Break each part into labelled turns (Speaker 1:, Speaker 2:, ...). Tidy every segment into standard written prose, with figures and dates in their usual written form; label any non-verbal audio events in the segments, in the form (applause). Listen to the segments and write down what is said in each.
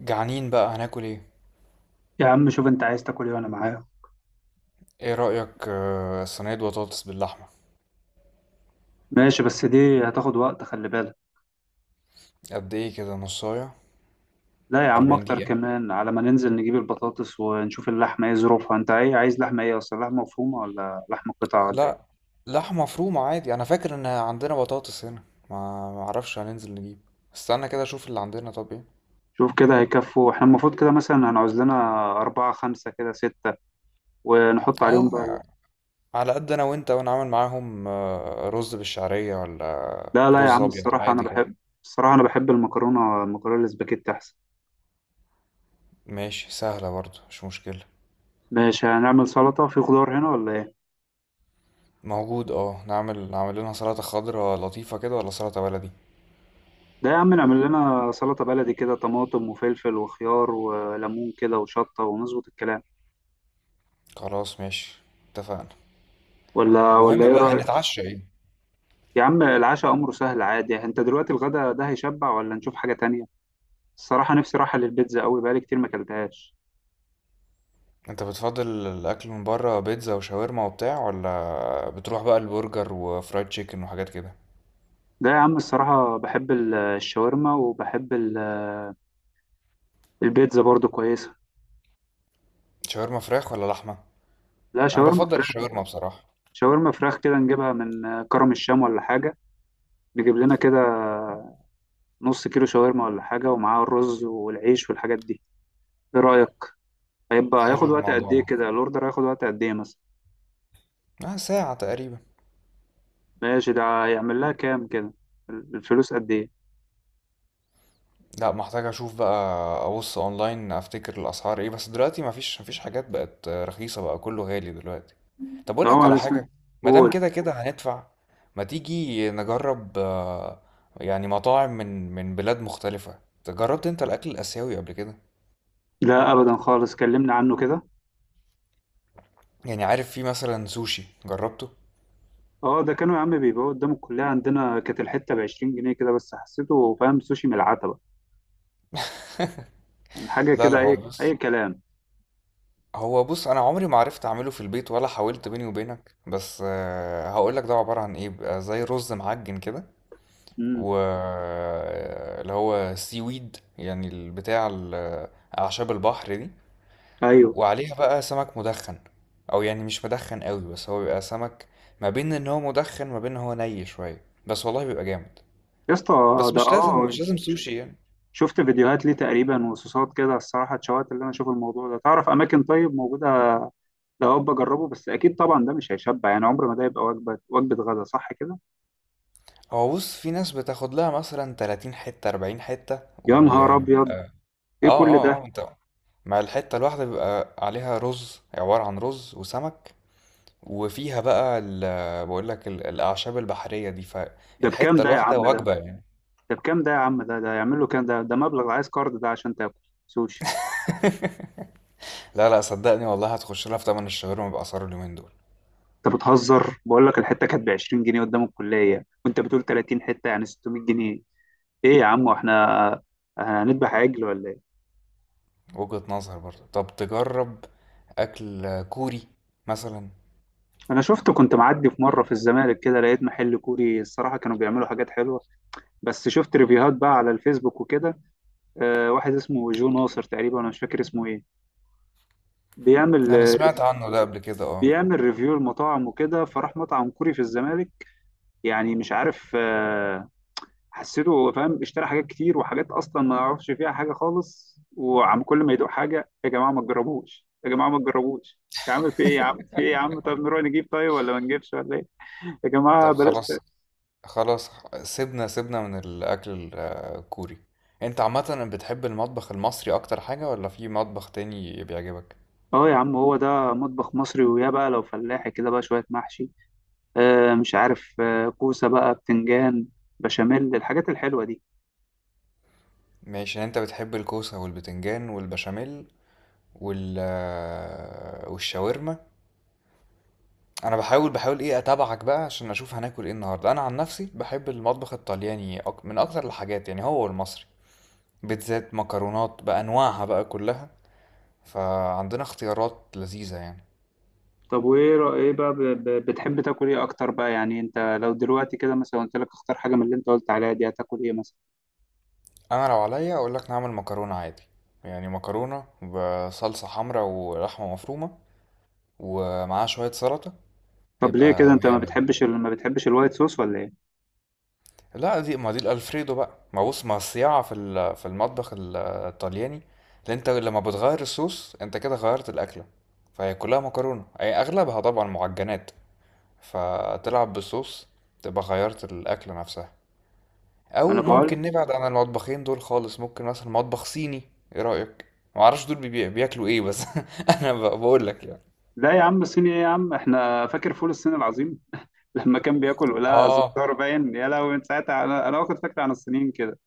Speaker 1: جعانين بقى، هناكل ايه؟
Speaker 2: يا عم شوف انت عايز تاكل ايه وانا معايا؟
Speaker 1: ايه رأيك؟ صينية بطاطس باللحمة.
Speaker 2: ماشي، بس دي هتاخد وقت، خلي بالك.
Speaker 1: قد ايه كده نصاية؟
Speaker 2: لا يا عم،
Speaker 1: 40
Speaker 2: اكتر
Speaker 1: دقيقة.
Speaker 2: كمان. على ما ننزل نجيب البطاطس ونشوف اللحمه ايه ظروفها. انت ايه عايز لحمه ايه اصلا؟ لحمه مفرومه ولا لحمه قطع ولا
Speaker 1: لا.
Speaker 2: ايه؟
Speaker 1: لحمة مفرومة عادي، انا فاكر ان عندنا بطاطس هنا. ما اعرفش، هننزل نجيب. استنى كده اشوف اللي عندنا. طب ايه؟
Speaker 2: شوف كده هيكفوا. احنا المفروض كده مثلا هنعوز لنا أربعة خمسة كده ستة، ونحط عليهم بقى اللحمة.
Speaker 1: اه. على قد انا وانت، وانا عامل معاهم رز بالشعرية ولا
Speaker 2: لا لا يا
Speaker 1: رز
Speaker 2: عم،
Speaker 1: ابيض
Speaker 2: الصراحة أنا
Speaker 1: عادي كده؟
Speaker 2: بحب الصراحة أنا بحب المكرونة، المكرونة الاسباجيتي أحسن.
Speaker 1: ماشي سهلة برضه، مش مشكلة.
Speaker 2: ماشي، هنعمل سلطة في خضار هنا ولا ايه؟
Speaker 1: موجود، اه. نعمل لنا سلطة خضراء لطيفة كده ولا سلطة بلدي؟
Speaker 2: ده يا عم نعمل لنا سلطة بلدي كده، طماطم وفلفل وخيار وليمون كده وشطة، ونظبط الكلام.
Speaker 1: خلاص ماشي. اتفقنا.
Speaker 2: ولا
Speaker 1: المهم
Speaker 2: ايه
Speaker 1: بقى،
Speaker 2: رأيك؟
Speaker 1: هنتعشى ايه؟
Speaker 2: يا عم العشاء أمره سهل عادي. انت دلوقتي الغدا ده هيشبع ولا نشوف حاجة تانية؟ الصراحة نفسي راحة للبيتزا قوي، بقالي كتير ما اكلتهاش.
Speaker 1: انت بتفضل الاكل من بره، بيتزا وشاورما وبتاع، ولا بتروح بقى البرجر وفرايد تشيكن وحاجات كده؟
Speaker 2: ده يا عم الصراحة بحب الشاورما، وبحب البيتزا برضو كويسة.
Speaker 1: شاورما فراخ ولا لحمه؟
Speaker 2: لا،
Speaker 1: انا
Speaker 2: شاورما
Speaker 1: بفضل
Speaker 2: فراخ.
Speaker 1: الشاورما بصراحه.
Speaker 2: شاورما فراخ كده نجيبها من كرم الشام ولا حاجة، نجيب لنا كده نص كيلو شاورما ولا حاجة، ومعاه الرز والعيش والحاجات دي. ايه رأيك؟ هيبقى
Speaker 1: حلو
Speaker 2: هياخد وقت قد
Speaker 1: الموضوع
Speaker 2: ايه
Speaker 1: ده.
Speaker 2: كده؟ الاوردر هياخد وقت قد ايه مثلا؟
Speaker 1: اه، ساعه تقريبا.
Speaker 2: ماشي، ده هيعمل لها كام كده؟ الفلوس قد ايه؟
Speaker 1: لا، محتاج اشوف بقى. ابص اونلاين افتكر الاسعار ايه، بس دلوقتي مفيش حاجات بقت رخيصه، بقى كله غالي دلوقتي. طب اقول
Speaker 2: ده هو
Speaker 1: لك على
Speaker 2: اسمه.
Speaker 1: حاجه. ما دام
Speaker 2: قول.
Speaker 1: كده كده هندفع. ما تيجي نجرب يعني مطاعم من بلاد مختلفه. جربت انت الاكل الاسيوي قبل كده؟
Speaker 2: لا ابدا خالص، كلمنا عنه كده.
Speaker 1: يعني عارف، في مثلا سوشي، جربته؟
Speaker 2: اه، ده كانوا يا عم بيبيعوه قدام الكليه عندنا، كانت الحته ب 20 جنيه كده، بس حسيته فاهم سوشي من العتبه، يعني حاجه
Speaker 1: لا
Speaker 2: كده
Speaker 1: لا، هو
Speaker 2: اي اي
Speaker 1: بص
Speaker 2: كلام.
Speaker 1: هو بص انا عمري ما عرفت اعمله في البيت ولا حاولت بيني وبينك، بس هقول لك ده عباره عن ايه. بيبقى زي رز معجن كده،
Speaker 2: امم
Speaker 1: و اللي هو سي ويد يعني البتاع اعشاب البحر دي،
Speaker 2: ايوه.
Speaker 1: وعليها بقى سمك مدخن. او يعني مش مدخن قوي، بس هو بيبقى سمك ما بين ان هو مدخن ما بين ان هو ني شويه، بس والله بيبقى جامد.
Speaker 2: يا اسطى.
Speaker 1: بس
Speaker 2: ده
Speaker 1: مش لازم
Speaker 2: اه
Speaker 1: مش لازم
Speaker 2: ش-
Speaker 1: سوشي يعني.
Speaker 2: شفت فيديوهات ليه تقريبا وصوصات كده، الصراحه اتشوقت اللي انا اشوف الموضوع ده. تعرف اماكن طيب موجوده؟ لا هو بجربه، بس اكيد طبعا ده مش هيشبع، يعني عمر ما ده يبقى وجبه، وجبه غدا صح كده.
Speaker 1: هو بص، في ناس بتاخد لها مثلا 30 حته 40 حته.
Speaker 2: يا
Speaker 1: و
Speaker 2: نهار
Speaker 1: اه
Speaker 2: ابيض، ايه كل ده؟
Speaker 1: اه، اه، انت مع الحته الواحده بيبقى عليها رز، عباره عن رز وسمك. وفيها بقى بقول لك الاعشاب البحريه دي،
Speaker 2: ده بكام
Speaker 1: فالحته
Speaker 2: ده يا
Speaker 1: الواحده
Speaker 2: عم ده؟
Speaker 1: وجبه يعني.
Speaker 2: ده بكام ده يا عم ده؟ ده يعمل له كام ده؟ ده مبلغ عايز كارد ده عشان تاكل سوشي.
Speaker 1: لا لا، صدقني والله هتخش لها في تمن الشاورما باسعار اليومين دول.
Speaker 2: انت بتهزر، بقول لك الحته كانت ب 20 جنيه قدام الكليه وانت بتقول 30 حته، يعني 600 جنيه. ايه يا عم، واحنا هنذبح عجل ولا ايه؟
Speaker 1: وجهة نظر برضه، طب تجرب أكل كوري مثلا.
Speaker 2: انا شفت كنت معدي في مره في الزمالك كده، لقيت محل كوري، الصراحه كانوا بيعملوا حاجات حلوه. بس شفت ريفيوهات بقى على الفيسبوك وكده، واحد اسمه جو ناصر تقريبا، انا مش فاكر اسمه ايه. بيعمل
Speaker 1: أنا
Speaker 2: آه،
Speaker 1: سمعت عنه ده قبل كده، اه.
Speaker 2: بيعمل ريفيو المطاعم وكده، فراح مطعم كوري في الزمالك. يعني مش عارف، حسيته فاهم اشترى حاجات كتير وحاجات اصلا ما يعرفش فيها حاجه خالص، وعم كل ما يدوق حاجه: يا جماعه ما تجربوش، يا جماعه ما تجربوش. يا عم في ايه يا عم، في ايه يا عم؟ طب نروح نجيب طيب، ولا ما نجيبش ولا ايه؟ يا
Speaker 1: طب
Speaker 2: جماعه بلاش
Speaker 1: خلاص. خلاص. سيبنا من الأكل الكوري. أنت عامة بتحب المطبخ المصري أكتر حاجة، ولا في مطبخ تاني بيعجبك؟
Speaker 2: اه يا عم، هو ده مطبخ مصري، ويا بقى لو فلاحي كده بقى شويه محشي، مش عارف، كوسة بقى، بتنجان، بشاميل، الحاجات الحلوة دي.
Speaker 1: ماشي، يعني أنت بتحب الكوسة والبتنجان والبشاميل والشاورما. أنا بحاول إيه أتابعك بقى عشان أشوف هناكل إيه النهاردة. أنا عن نفسي بحب المطبخ الطلياني، من أكتر الحاجات يعني هو المصري. بيتزات، مكرونات بأنواعها بقى كلها. فعندنا اختيارات لذيذة يعني.
Speaker 2: طب وإيه إيه بقى بتحب تاكل إيه أكتر بقى؟ يعني أنت لو دلوقتي كده مثلا قلت لك اختار حاجة من اللي أنت قلت عليها دي، هتاكل إيه مثلا؟
Speaker 1: أنا لو عليا أقول لك نعمل مكرونة عادي، يعني مكرونة بصلصة حمراء ولحمة مفرومة، ومعاها شوية سلطة.
Speaker 2: طب ليه كده
Speaker 1: هيبقى
Speaker 2: أنت
Speaker 1: مية مية.
Speaker 2: ما بتحبش الوايت صوص ولا إيه؟
Speaker 1: لا دي، ما دي الألفريدو بقى، ما بص، ما الصياعة في في المطبخ الطلياني اللي انت لما بتغير الصوص انت كده غيرت الأكلة. فهي كلها مكرونة، أي أغلبها طبعا معجنات، فتلعب بالصوص تبقى غيرت الأكلة نفسها.
Speaker 2: ما أنا
Speaker 1: او
Speaker 2: بقول.
Speaker 1: ممكن نبعد عن المطبخين دول خالص، ممكن مثلا مطبخ صيني. ايه رأيك؟ ما اعرفش دول بياكلوا ايه بس (laughs) انا بقول لك يعني.
Speaker 2: لا يا عم، الصيني إيه يا عم؟ إحنا فاكر فول الصين العظيم. (laughs) لما كان بياكل ولا
Speaker 1: اه،
Speaker 2: زفار باين، يا لهوي، من ساعتها أنا واخد فكرة عن الصينيين كده.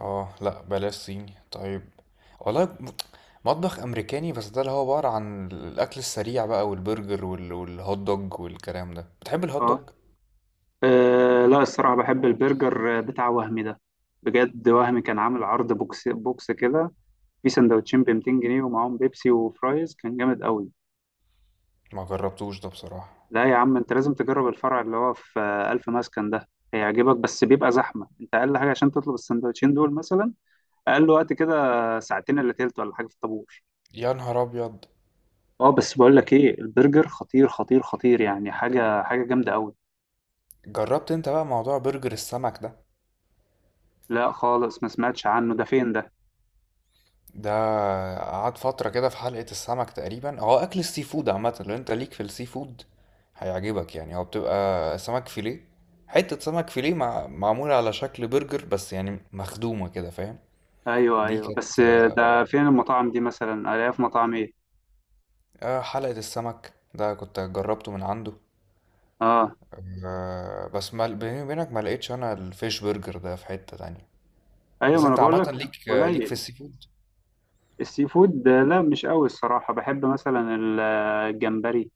Speaker 1: اه، لا بلاش صيني طيب. والله مطبخ امريكاني، بس ده اللي هو عبارة عن الاكل السريع بقى، والبرجر والهوت دوج والكلام ده. بتحب الهوت
Speaker 2: أه،
Speaker 1: دوج؟
Speaker 2: لا الصراحة بحب البرجر بتاع وهمي ده، بجد. وهمي كان عامل عرض بوكس بوكس كده، في سندوتشين ب 200 جنيه ومعاهم بيبسي وفرايز، كان جامد قوي.
Speaker 1: ما جربتوش ده بصراحة.
Speaker 2: لا يا عم، انت لازم تجرب الفرع اللي هو في ألف مسكن ده. هيعجبك، بس بيبقى زحمة. انت أقل حاجة عشان تطلب السندوتشين دول مثلا، أقل وقت كده، ساعتين إلا تلت ولا حاجة في الطابور.
Speaker 1: يا نهار ابيض.
Speaker 2: اه بس بقول لك ايه، البرجر خطير خطير خطير، يعني حاجة جامدة قوي.
Speaker 1: جربت انت بقى موضوع برجر السمك ده؟
Speaker 2: لا خالص، ما سمعتش عنه. ده فين ده؟
Speaker 1: ده قعد فترة كده في حلقة السمك تقريبا. هو أكل السي فود عامة، لو أنت ليك في السي فود هيعجبك. يعني هو بتبقى سمك فيليه، حتة سمك فيليه معمولة على شكل برجر، بس يعني مخدومة كده فاهم؟
Speaker 2: ايوه
Speaker 1: دي
Speaker 2: ايوه،
Speaker 1: كانت
Speaker 2: بس (laughs) ده فين المطاعم دي مثلا؟ الاقيها في مطاعم ايه؟
Speaker 1: حلقة السمك ده كنت جربته من عنده.
Speaker 2: اه
Speaker 1: بس ما... بيني وبينك ما لقيتش أنا الفيش برجر ده في حتة تانية.
Speaker 2: ايوه،
Speaker 1: بس
Speaker 2: ما انا
Speaker 1: انت
Speaker 2: بقول
Speaker 1: عامة
Speaker 2: لك.
Speaker 1: ليك ليك في
Speaker 2: قليل.
Speaker 1: السي فود.
Speaker 2: السي فود لا مش قوي. الصراحة بحب مثلا الجمبري،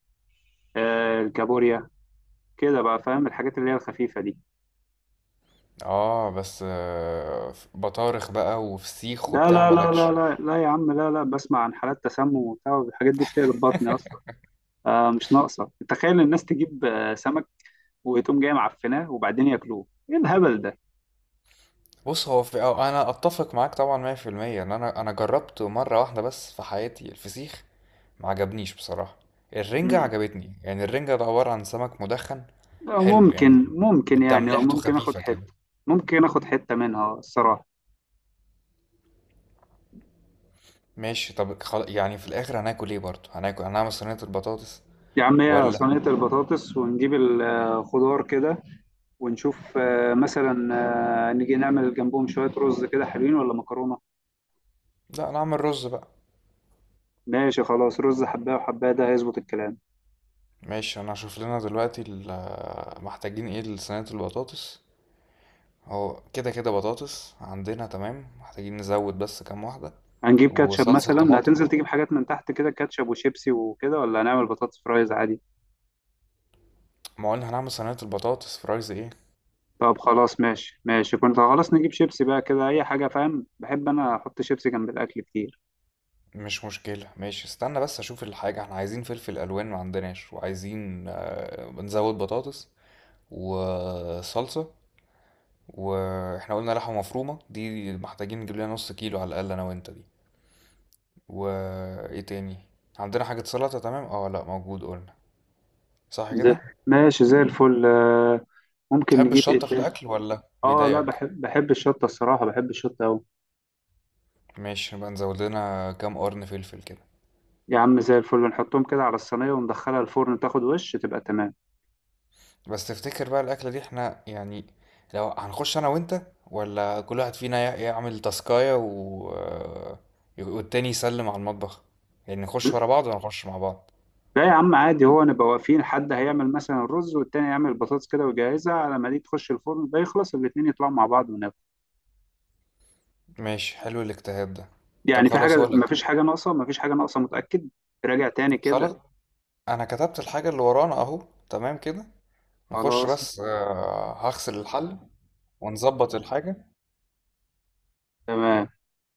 Speaker 2: الكابوريا، كده بقى فاهم، الحاجات اللي هي الخفيفة دي.
Speaker 1: اه بس في بطارخ بقى وفسيخ
Speaker 2: لا
Speaker 1: وبتاع
Speaker 2: لا لا لا
Speaker 1: مالكش.
Speaker 2: لا لا يا عم، لا لا، بسمع عن حالات تسمم وبتاع، الحاجات دي بتقلب بطني أصلا. آه مش ناقصة، تخيل الناس تجيب سمك، وتقوم جاي معفناه وبعدين ياكلوه، ايه الهبل ده؟
Speaker 1: بص، هو في، أو انا اتفق معاك طبعا 100%، ان انا جربته مره واحده بس في حياتي الفسيخ، ما عجبنيش بصراحه. الرنجه
Speaker 2: مم.
Speaker 1: عجبتني، يعني الرنجه ده عباره عن سمك مدخن، حلو يعني،
Speaker 2: ممكن يعني، أو
Speaker 1: تملحته
Speaker 2: ممكن اخد
Speaker 1: خفيفه كده.
Speaker 2: حتة، ممكن اخد حتة منها الصراحة.
Speaker 1: ماشي، طب يعني في الاخر هناكل ايه؟ برضه هناكل، هنعمل صينيه البطاطس
Speaker 2: يا عم هي
Speaker 1: ولا؟
Speaker 2: صينية البطاطس ونجيب الخضار كده، ونشوف مثلا، نيجي نعمل جنبهم شوية رز كده حلوين ولا مكرونة.
Speaker 1: لا، نعمل رز بقى.
Speaker 2: ماشي خلاص، رز حباية وحباية، ده هيظبط الكلام.
Speaker 1: ماشي، انا هشوف لنا دلوقتي محتاجين ايه لصينيه البطاطس. هو كده كده بطاطس عندنا، تمام. محتاجين نزود بس كام واحده،
Speaker 2: هنجيب كاتشب
Speaker 1: وصلصه
Speaker 2: مثلا؟
Speaker 1: طماطم.
Speaker 2: هتنزل تجيب حاجات من تحت كده، كاتشب وشيبسي وكده، ولا هنعمل بطاطس فرايز عادي؟
Speaker 1: ما قلنا هنعمل صينية البطاطس فرايز ايه.
Speaker 2: طب خلاص ماشي، كنت خلاص نجيب شيبسي بقى كده أي حاجة، فاهم، بحب أنا أحط شيبسي جنب الأكل كتير.
Speaker 1: مش مشكلة ماشي. استنى بس اشوف الحاجة. احنا عايزين فلفل الوان ما عندناش، وعايزين نزود بطاطس وصلصة. واحنا قلنا لحمة مفرومة دي، محتاجين نجيب لنا نص كيلو على الاقل انا وانت دي. وايه تاني؟ عندنا حاجة سلطة؟ تمام، اه، لا موجود قلنا. صح
Speaker 2: زي.
Speaker 1: كده.
Speaker 2: ماشي زي الفل. ممكن
Speaker 1: تحب
Speaker 2: نجيب إيه
Speaker 1: الشطة في
Speaker 2: تاني؟
Speaker 1: الاكل ولا
Speaker 2: آه لا،
Speaker 1: بيضايقك؟
Speaker 2: بحب الشطة، الصراحة بحب الشطة أوي.
Speaker 1: ماشي، نبقى نزود لنا كام قرن فلفل كده.
Speaker 2: يا عم زي الفل، نحطهم كده على الصينية وندخلها الفرن، تاخد وش تبقى تمام.
Speaker 1: بس تفتكر بقى الأكلة دي احنا يعني، لو هنخش أنا وأنت، ولا كل واحد فينا يعمل تاسكاية و... آه، والتاني يسلم على المطبخ؟ يعني نخش ورا بعض ولا نخش مع بعض؟
Speaker 2: لا يا عم عادي، هو نبقى واقفين، حد هيعمل مثلا الرز والتاني يعمل البطاطس كده ويجهزها، على ما دي تخش الفرن ده يخلص الاتنين، يطلعوا مع بعض وناكل.
Speaker 1: ماشي، حلو الاجتهاد ده. طب
Speaker 2: يعني في حاجة؟
Speaker 1: خلاص هقولك.
Speaker 2: مفيش حاجة ناقصة، مفيش حاجة ناقصة متأكد. راجع تاني كده.
Speaker 1: خلاص. أنا كتبت الحاجة اللي ورانا أهو. تمام كده. نخش
Speaker 2: خلاص.
Speaker 1: بس هغسل الحل ونظبط الحاجة.
Speaker 2: تمام.